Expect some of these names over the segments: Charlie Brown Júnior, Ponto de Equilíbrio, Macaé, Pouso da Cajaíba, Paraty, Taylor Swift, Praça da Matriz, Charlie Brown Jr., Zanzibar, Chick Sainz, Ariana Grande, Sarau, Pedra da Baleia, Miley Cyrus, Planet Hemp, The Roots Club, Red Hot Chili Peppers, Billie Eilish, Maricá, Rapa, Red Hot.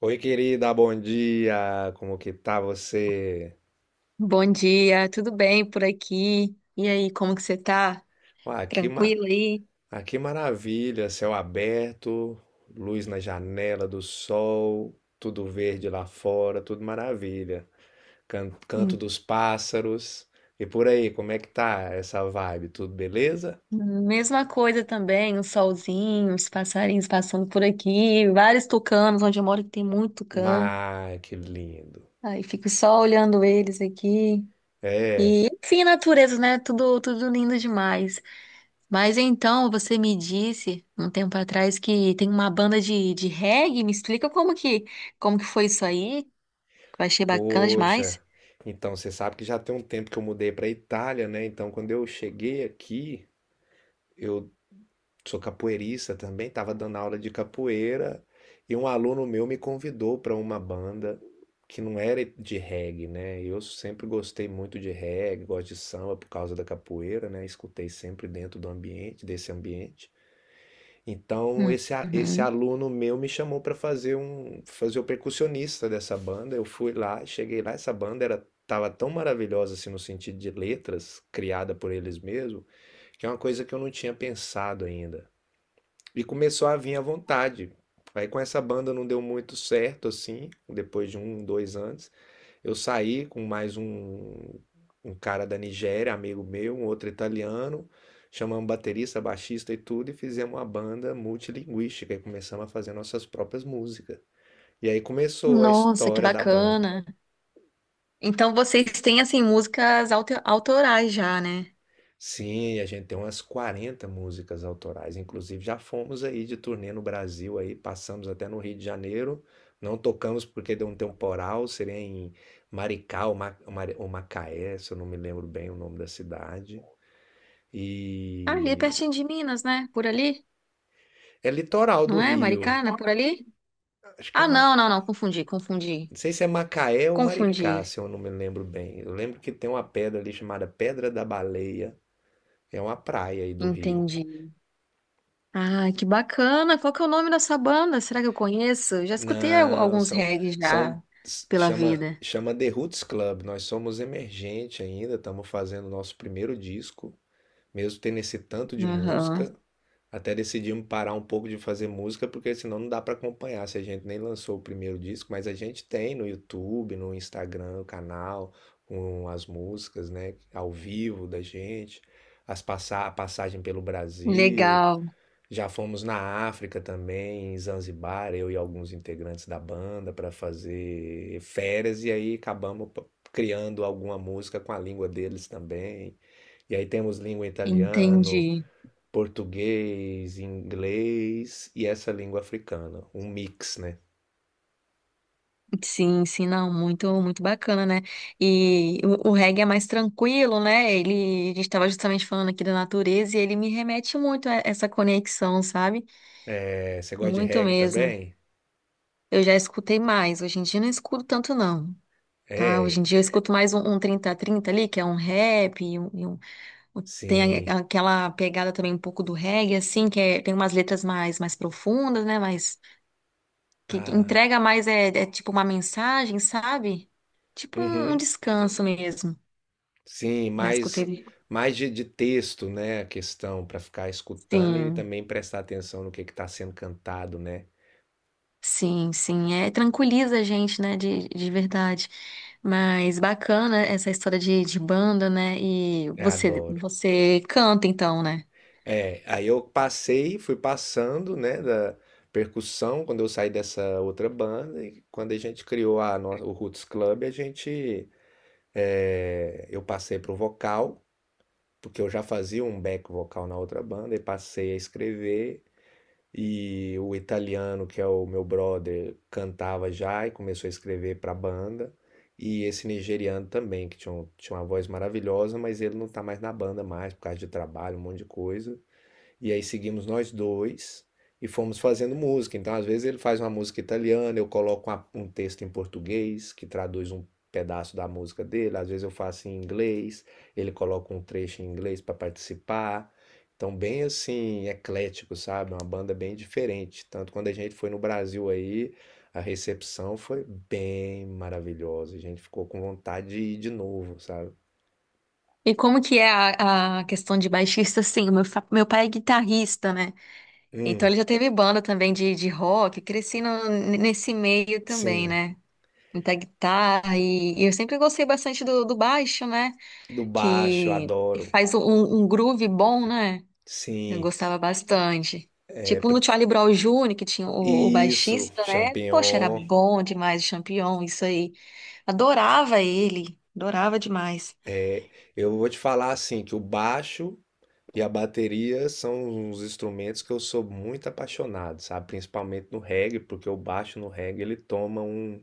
Oi, querida, bom dia. Como que tá você? Bom dia, tudo bem por aqui? E aí, como que você tá? Ah, que ma... Tranquilo aí? ah, que maravilha, céu aberto, luz na janela do sol, tudo verde lá fora, tudo maravilha. Canto Hum. dos pássaros. E por aí, como é que tá essa vibe? Tudo beleza? Mesma coisa também, o solzinho, os passarinhos passando por aqui, vários tucanos, onde eu moro que tem muito tucano. Mas que lindo. Aí fico só olhando eles aqui. É, E, enfim, natureza, né? Tudo lindo demais. Mas então, você me disse um tempo atrás que tem uma banda de reggae. Me explica como que foi isso aí? Eu achei bacana demais. poxa. Então, você sabe que já tem um tempo que eu mudei para Itália, né? Então, quando eu cheguei aqui, eu sou capoeirista também, estava dando aula de capoeira e um aluno meu me convidou para uma banda que não era de reggae, né? Eu sempre gostei muito de reggae, gosto de samba por causa da capoeira, né? Escutei sempre dentro do ambiente, desse ambiente. Então esse Uhum. aluno meu me chamou para fazer o percussionista dessa banda. Eu fui lá, cheguei lá, essa banda era tava tão maravilhosa assim no sentido de letras, criada por eles mesmos, que é uma coisa que eu não tinha pensado ainda. E começou a vir à vontade. Aí com essa banda não deu muito certo, assim, depois de um, dois anos. Eu saí com um cara da Nigéria, amigo meu, um outro italiano. Chamamos baterista, baixista e tudo, e fizemos uma banda multilinguística e começamos a fazer nossas próprias músicas. E aí começou a Nossa, que história da banda. bacana. Então vocês têm assim músicas autorais já, né? Sim, a gente tem umas 40 músicas autorais, inclusive já fomos aí de turnê no Brasil aí, passamos até no Rio de Janeiro, não tocamos porque deu um temporal, seria em Maricá ou Macaé, se eu não me lembro bem o nome da cidade. Ali E pertinho de Minas, né? Por ali, é litoral do não é? Rio. Maricana, por ali? Acho que é Ah, Ma... não, não, não, confundi, confundi. não sei se é Macaé ou Confundi. Maricá, se eu não me lembro bem. Eu lembro que tem uma pedra ali chamada Pedra da Baleia, é uma praia aí do Rio. Entendi. Ah, que bacana. Qual que é o nome dessa banda? Será que eu conheço? Eu já escutei Não, alguns são, reggae são já pela chama vida. The Roots Club. Nós somos emergente ainda, estamos fazendo nosso primeiro disco, mesmo tendo esse tanto de Aham. música. Até decidimos parar um pouco de fazer música, porque senão não dá para acompanhar. Se a gente nem lançou o primeiro disco, mas a gente tem no YouTube, no Instagram, o canal com as músicas, né, ao vivo da gente, as passagem pelo Brasil, Legal. já fomos na África também, em Zanzibar, eu e alguns integrantes da banda para fazer férias e aí criando alguma música com a língua deles também. E aí temos língua italiano, Entendi. português, inglês e essa língua africana, um mix, né? Sim, sim, não, muito, muito bacana, né? E o reggae é mais tranquilo, né? A gente estava justamente falando aqui da natureza e ele me remete muito a essa conexão, sabe? É, você gosta de Muito reggae mesmo. também? Eu já escutei mais, hoje em dia eu não escuto tanto não, tá? Hoje em É, dia eu escuto mais um trinta a trinta ali, que é um rap, um- tem sim. Aquela pegada também um pouco do reggae, assim, tem umas letras mais profundas, né? Mais, que Ah, entrega mais é tipo uma mensagem, sabe? Tipo um uhum. descanso mesmo. Sim, Já escutei ele. mais de texto, né, a questão para ficar escutando e Sim, também prestar atenção no que está sendo cantado, né? sim, sim. É, tranquiliza a gente, né? De verdade. Mas bacana essa história de banda, né? E Eu você, adoro. você canta então, né? É, aí eu passei, fui passando, né, da percussão quando eu saí dessa outra banda e quando a gente criou a nossa, o Roots Club, a gente é, eu passei pro vocal, porque eu já fazia um back vocal na outra banda e passei a escrever. E o italiano, que é o meu brother, cantava já e começou a escrever para a banda. E esse nigeriano também, que tinha uma voz maravilhosa, mas ele não tá mais na banda mais por causa de trabalho, um monte de coisa. E aí seguimos nós dois e fomos fazendo música. Então, às vezes, ele faz uma música italiana, eu coloco um texto em português que traduz um pedaço da música dele, às vezes eu faço em inglês, ele coloca um trecho em inglês para participar. Então, bem assim, eclético, sabe? Uma banda bem diferente. Tanto quando a gente foi no Brasil aí, a recepção foi bem maravilhosa. A gente ficou com vontade de ir de novo, sabe? E como que é a questão de baixista? Sim, meu pai é guitarrista, né? Então Hum, ele já teve banda também de rock, cresci nesse meio também, sim. né? Muita guitarra e eu sempre gostei bastante do baixo, né? Do baixo, Que adoro. faz um groove bom, né? Eu Sim. gostava bastante. É. Tipo no Charlie Brown Júnior que tinha o Isso, baixista, né? Poxa, era champignon. bom demais, o Champion, isso aí. Adorava ele, adorava demais. É, eu vou te falar assim que o baixo e a bateria são os instrumentos que eu sou muito apaixonado, sabe? Principalmente no reggae, porque o baixo no reggae ele toma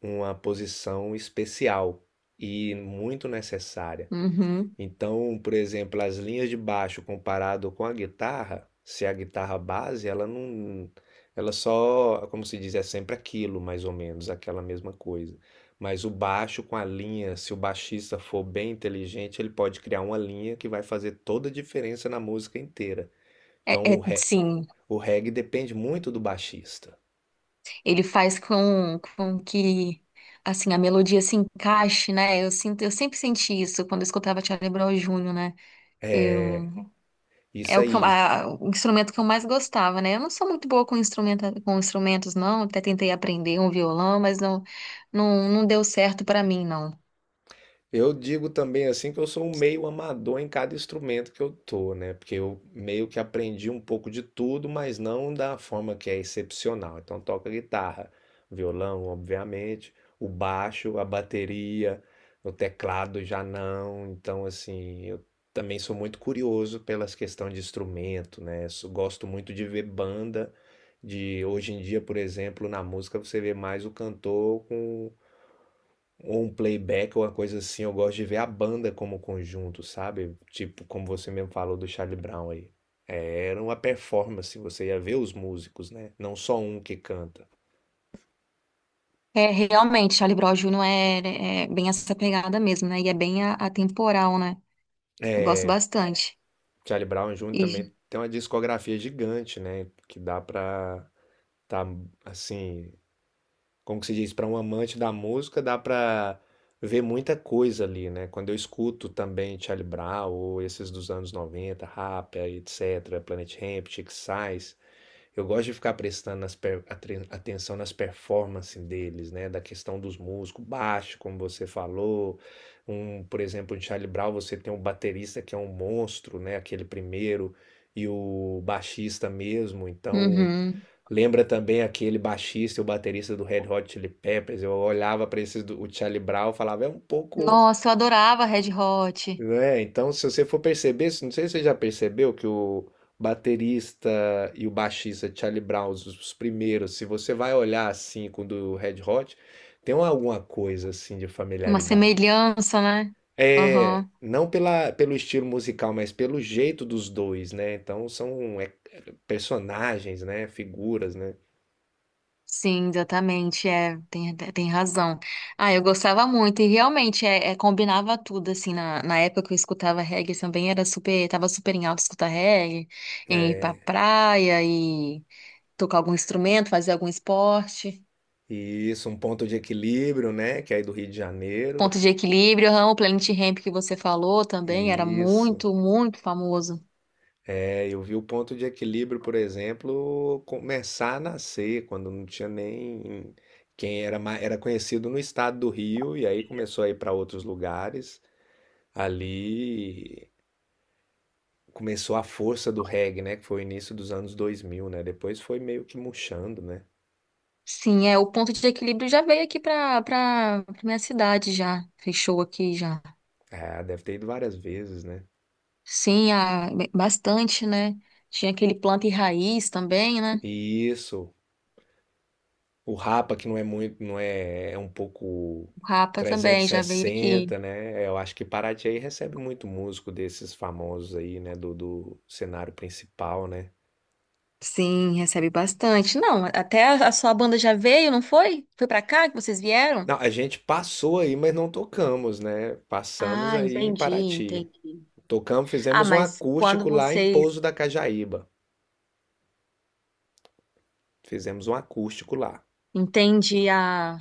uma posição especial e muito necessária. Uhum. Então, por exemplo, as linhas de baixo comparado com a guitarra, se é a guitarra base, ela não, ela só, como se diz, é sempre aquilo, mais ou menos, aquela mesma coisa. Mas o baixo com a linha, se o baixista for bem inteligente, ele pode criar uma linha que vai fazer toda a diferença na música inteira. Então, o, re- Sim, o reggae depende muito do baixista. ele faz com que assim a melodia se encaixe, né? Eu sempre senti isso quando eu escutava Charlie Brown Júnior, né? eu Isso É o que aí. O instrumento que eu mais gostava, né? Eu não sou muito boa com instrumentos, não. Até tentei aprender um violão, mas não, não, não deu certo pra mim, não. Eu digo também assim que eu sou um meio amador em cada instrumento que eu tô, né? Porque eu meio que aprendi um pouco de tudo, mas não da forma que é excepcional. Então toco guitarra, violão, obviamente, o baixo, a bateria, o teclado já não. Então assim, eu também sou muito curioso pelas questões de instrumento, né? Gosto muito de ver banda de hoje em dia, por exemplo, na música você vê mais o cantor com ou um playback ou uma coisa assim, eu gosto de ver a banda como conjunto, sabe? Tipo, como você mesmo falou do Charlie Brown aí. É, era uma performance, você ia ver os músicos, né? Não só um que canta. É, realmente, Charlie Brown Jr. é bem essa pegada mesmo, né? E é bem atemporal, né? Eu É, gosto bastante. Charlie Brown Jr. E- também tem uma discografia gigante, né? Que dá pra tá, assim, como que se diz, para um amante da música, dá para ver muita coisa ali, né? Quando eu escuto também Charlie Brown ou esses dos anos 90 Rapa, etc, Planet Hemp, Chick Sainz, eu gosto de ficar prestando atenção nas performances deles, né? Da questão dos músicos, baixo, como você falou. Um, por exemplo, em Charlie Brown você tem um baterista que é um monstro, né? Aquele primeiro, e o baixista mesmo. Então, Uhum. lembra também aquele baixista e o baterista do Red Hot Chili Peppers. Eu olhava para esses do o Charlie Brown, e falava, é um pouco, Nossa, eu adorava Red Hot. né? Então, se você for perceber, não sei se você já percebeu que o baterista e o baixista de Charlie Brown, os primeiros, se você vai olhar assim com o do Red Hot, tem alguma coisa assim de Uma familiaridade. semelhança, né? É, não pela, pelo estilo musical, mas pelo jeito dos dois, né? Então são é, personagens, né? Figuras, né? Sim, exatamente, é, tem razão. Ah, eu gostava muito, e realmente, combinava tudo, assim, na época que eu escutava reggae também, tava super em alta escutar reggae, em ir pra praia e tocar algum instrumento, fazer algum esporte. Isso, um ponto de equilíbrio, né? Que é aí do Rio de Janeiro. Ponto de equilíbrio, aham, o Planet Hemp que você falou também, era Isso. muito, muito famoso. É, eu vi o ponto de equilíbrio, por exemplo, começar a nascer, quando não tinha nem quem era, era conhecido no estado do Rio, e aí começou a ir para outros lugares. Ali começou a força do reggae, né? Que foi o início dos anos dois mil, né? Depois foi meio que murchando, né? Sim, é, o ponto de equilíbrio já veio aqui pra minha cidade já, fechou aqui já. É, deve ter ido várias vezes, né? Sim, bastante, né? Tinha aquele planta e raiz também, né? Isso. O Rapa, que não é muito, não é, é um pouco O Rapa trezentos também e já veio aqui. sessenta, né? Eu acho que Paraty aí recebe muito músico desses famosos aí, né? Do, do cenário principal, né? Sim, recebe bastante. Não, até a sua banda já veio, não foi? Foi pra cá que vocês vieram? Não, a gente passou aí, mas não tocamos, né? Passamos Ah, aí em entendi, Paraty. entendi. Tocamos, Ah, fizemos um mas quando acústico lá em vocês Pouso da Cajaíba. Fizemos um acústico lá. entendi, a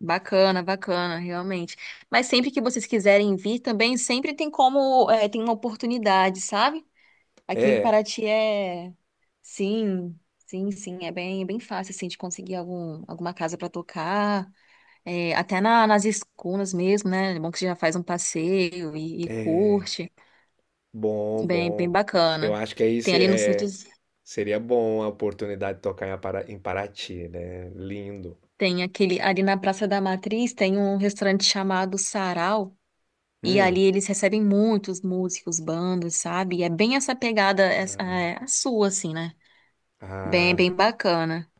bacana, bacana, realmente. Mas sempre que vocês quiserem vir também, sempre tem como, é, tem uma oportunidade, sabe? Aqui em É, Paraty é. Sim, sim, sim. É bem, bem fácil, assim, de conseguir alguma casa para tocar. É, até nas escunas mesmo, né? É bom que você já faz um passeio e curte. bom, Bem, bem bom. Eu bacana. acho que aí Tem ali no centro, seria bom a oportunidade de tocar em Paraty, né? Lindo. tem aquele. Ali na Praça da Matriz tem um restaurante chamado Sarau. E ali Hum. eles recebem muitos músicos, bandas, sabe? E é bem essa pegada, é, a sua, assim, né? Bem, Ah. bem bacana.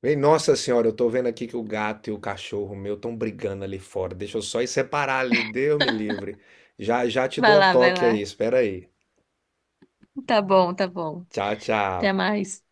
Bem, nossa senhora, eu tô vendo aqui que o gato e o cachorro meu estão brigando ali fora. Deixa eu só ir separar ali, Deus me livre. Já já te Vai dou um lá, vai toque aí, lá. espera aí. Tá bom, tá bom. Tchau, Até tchau. mais.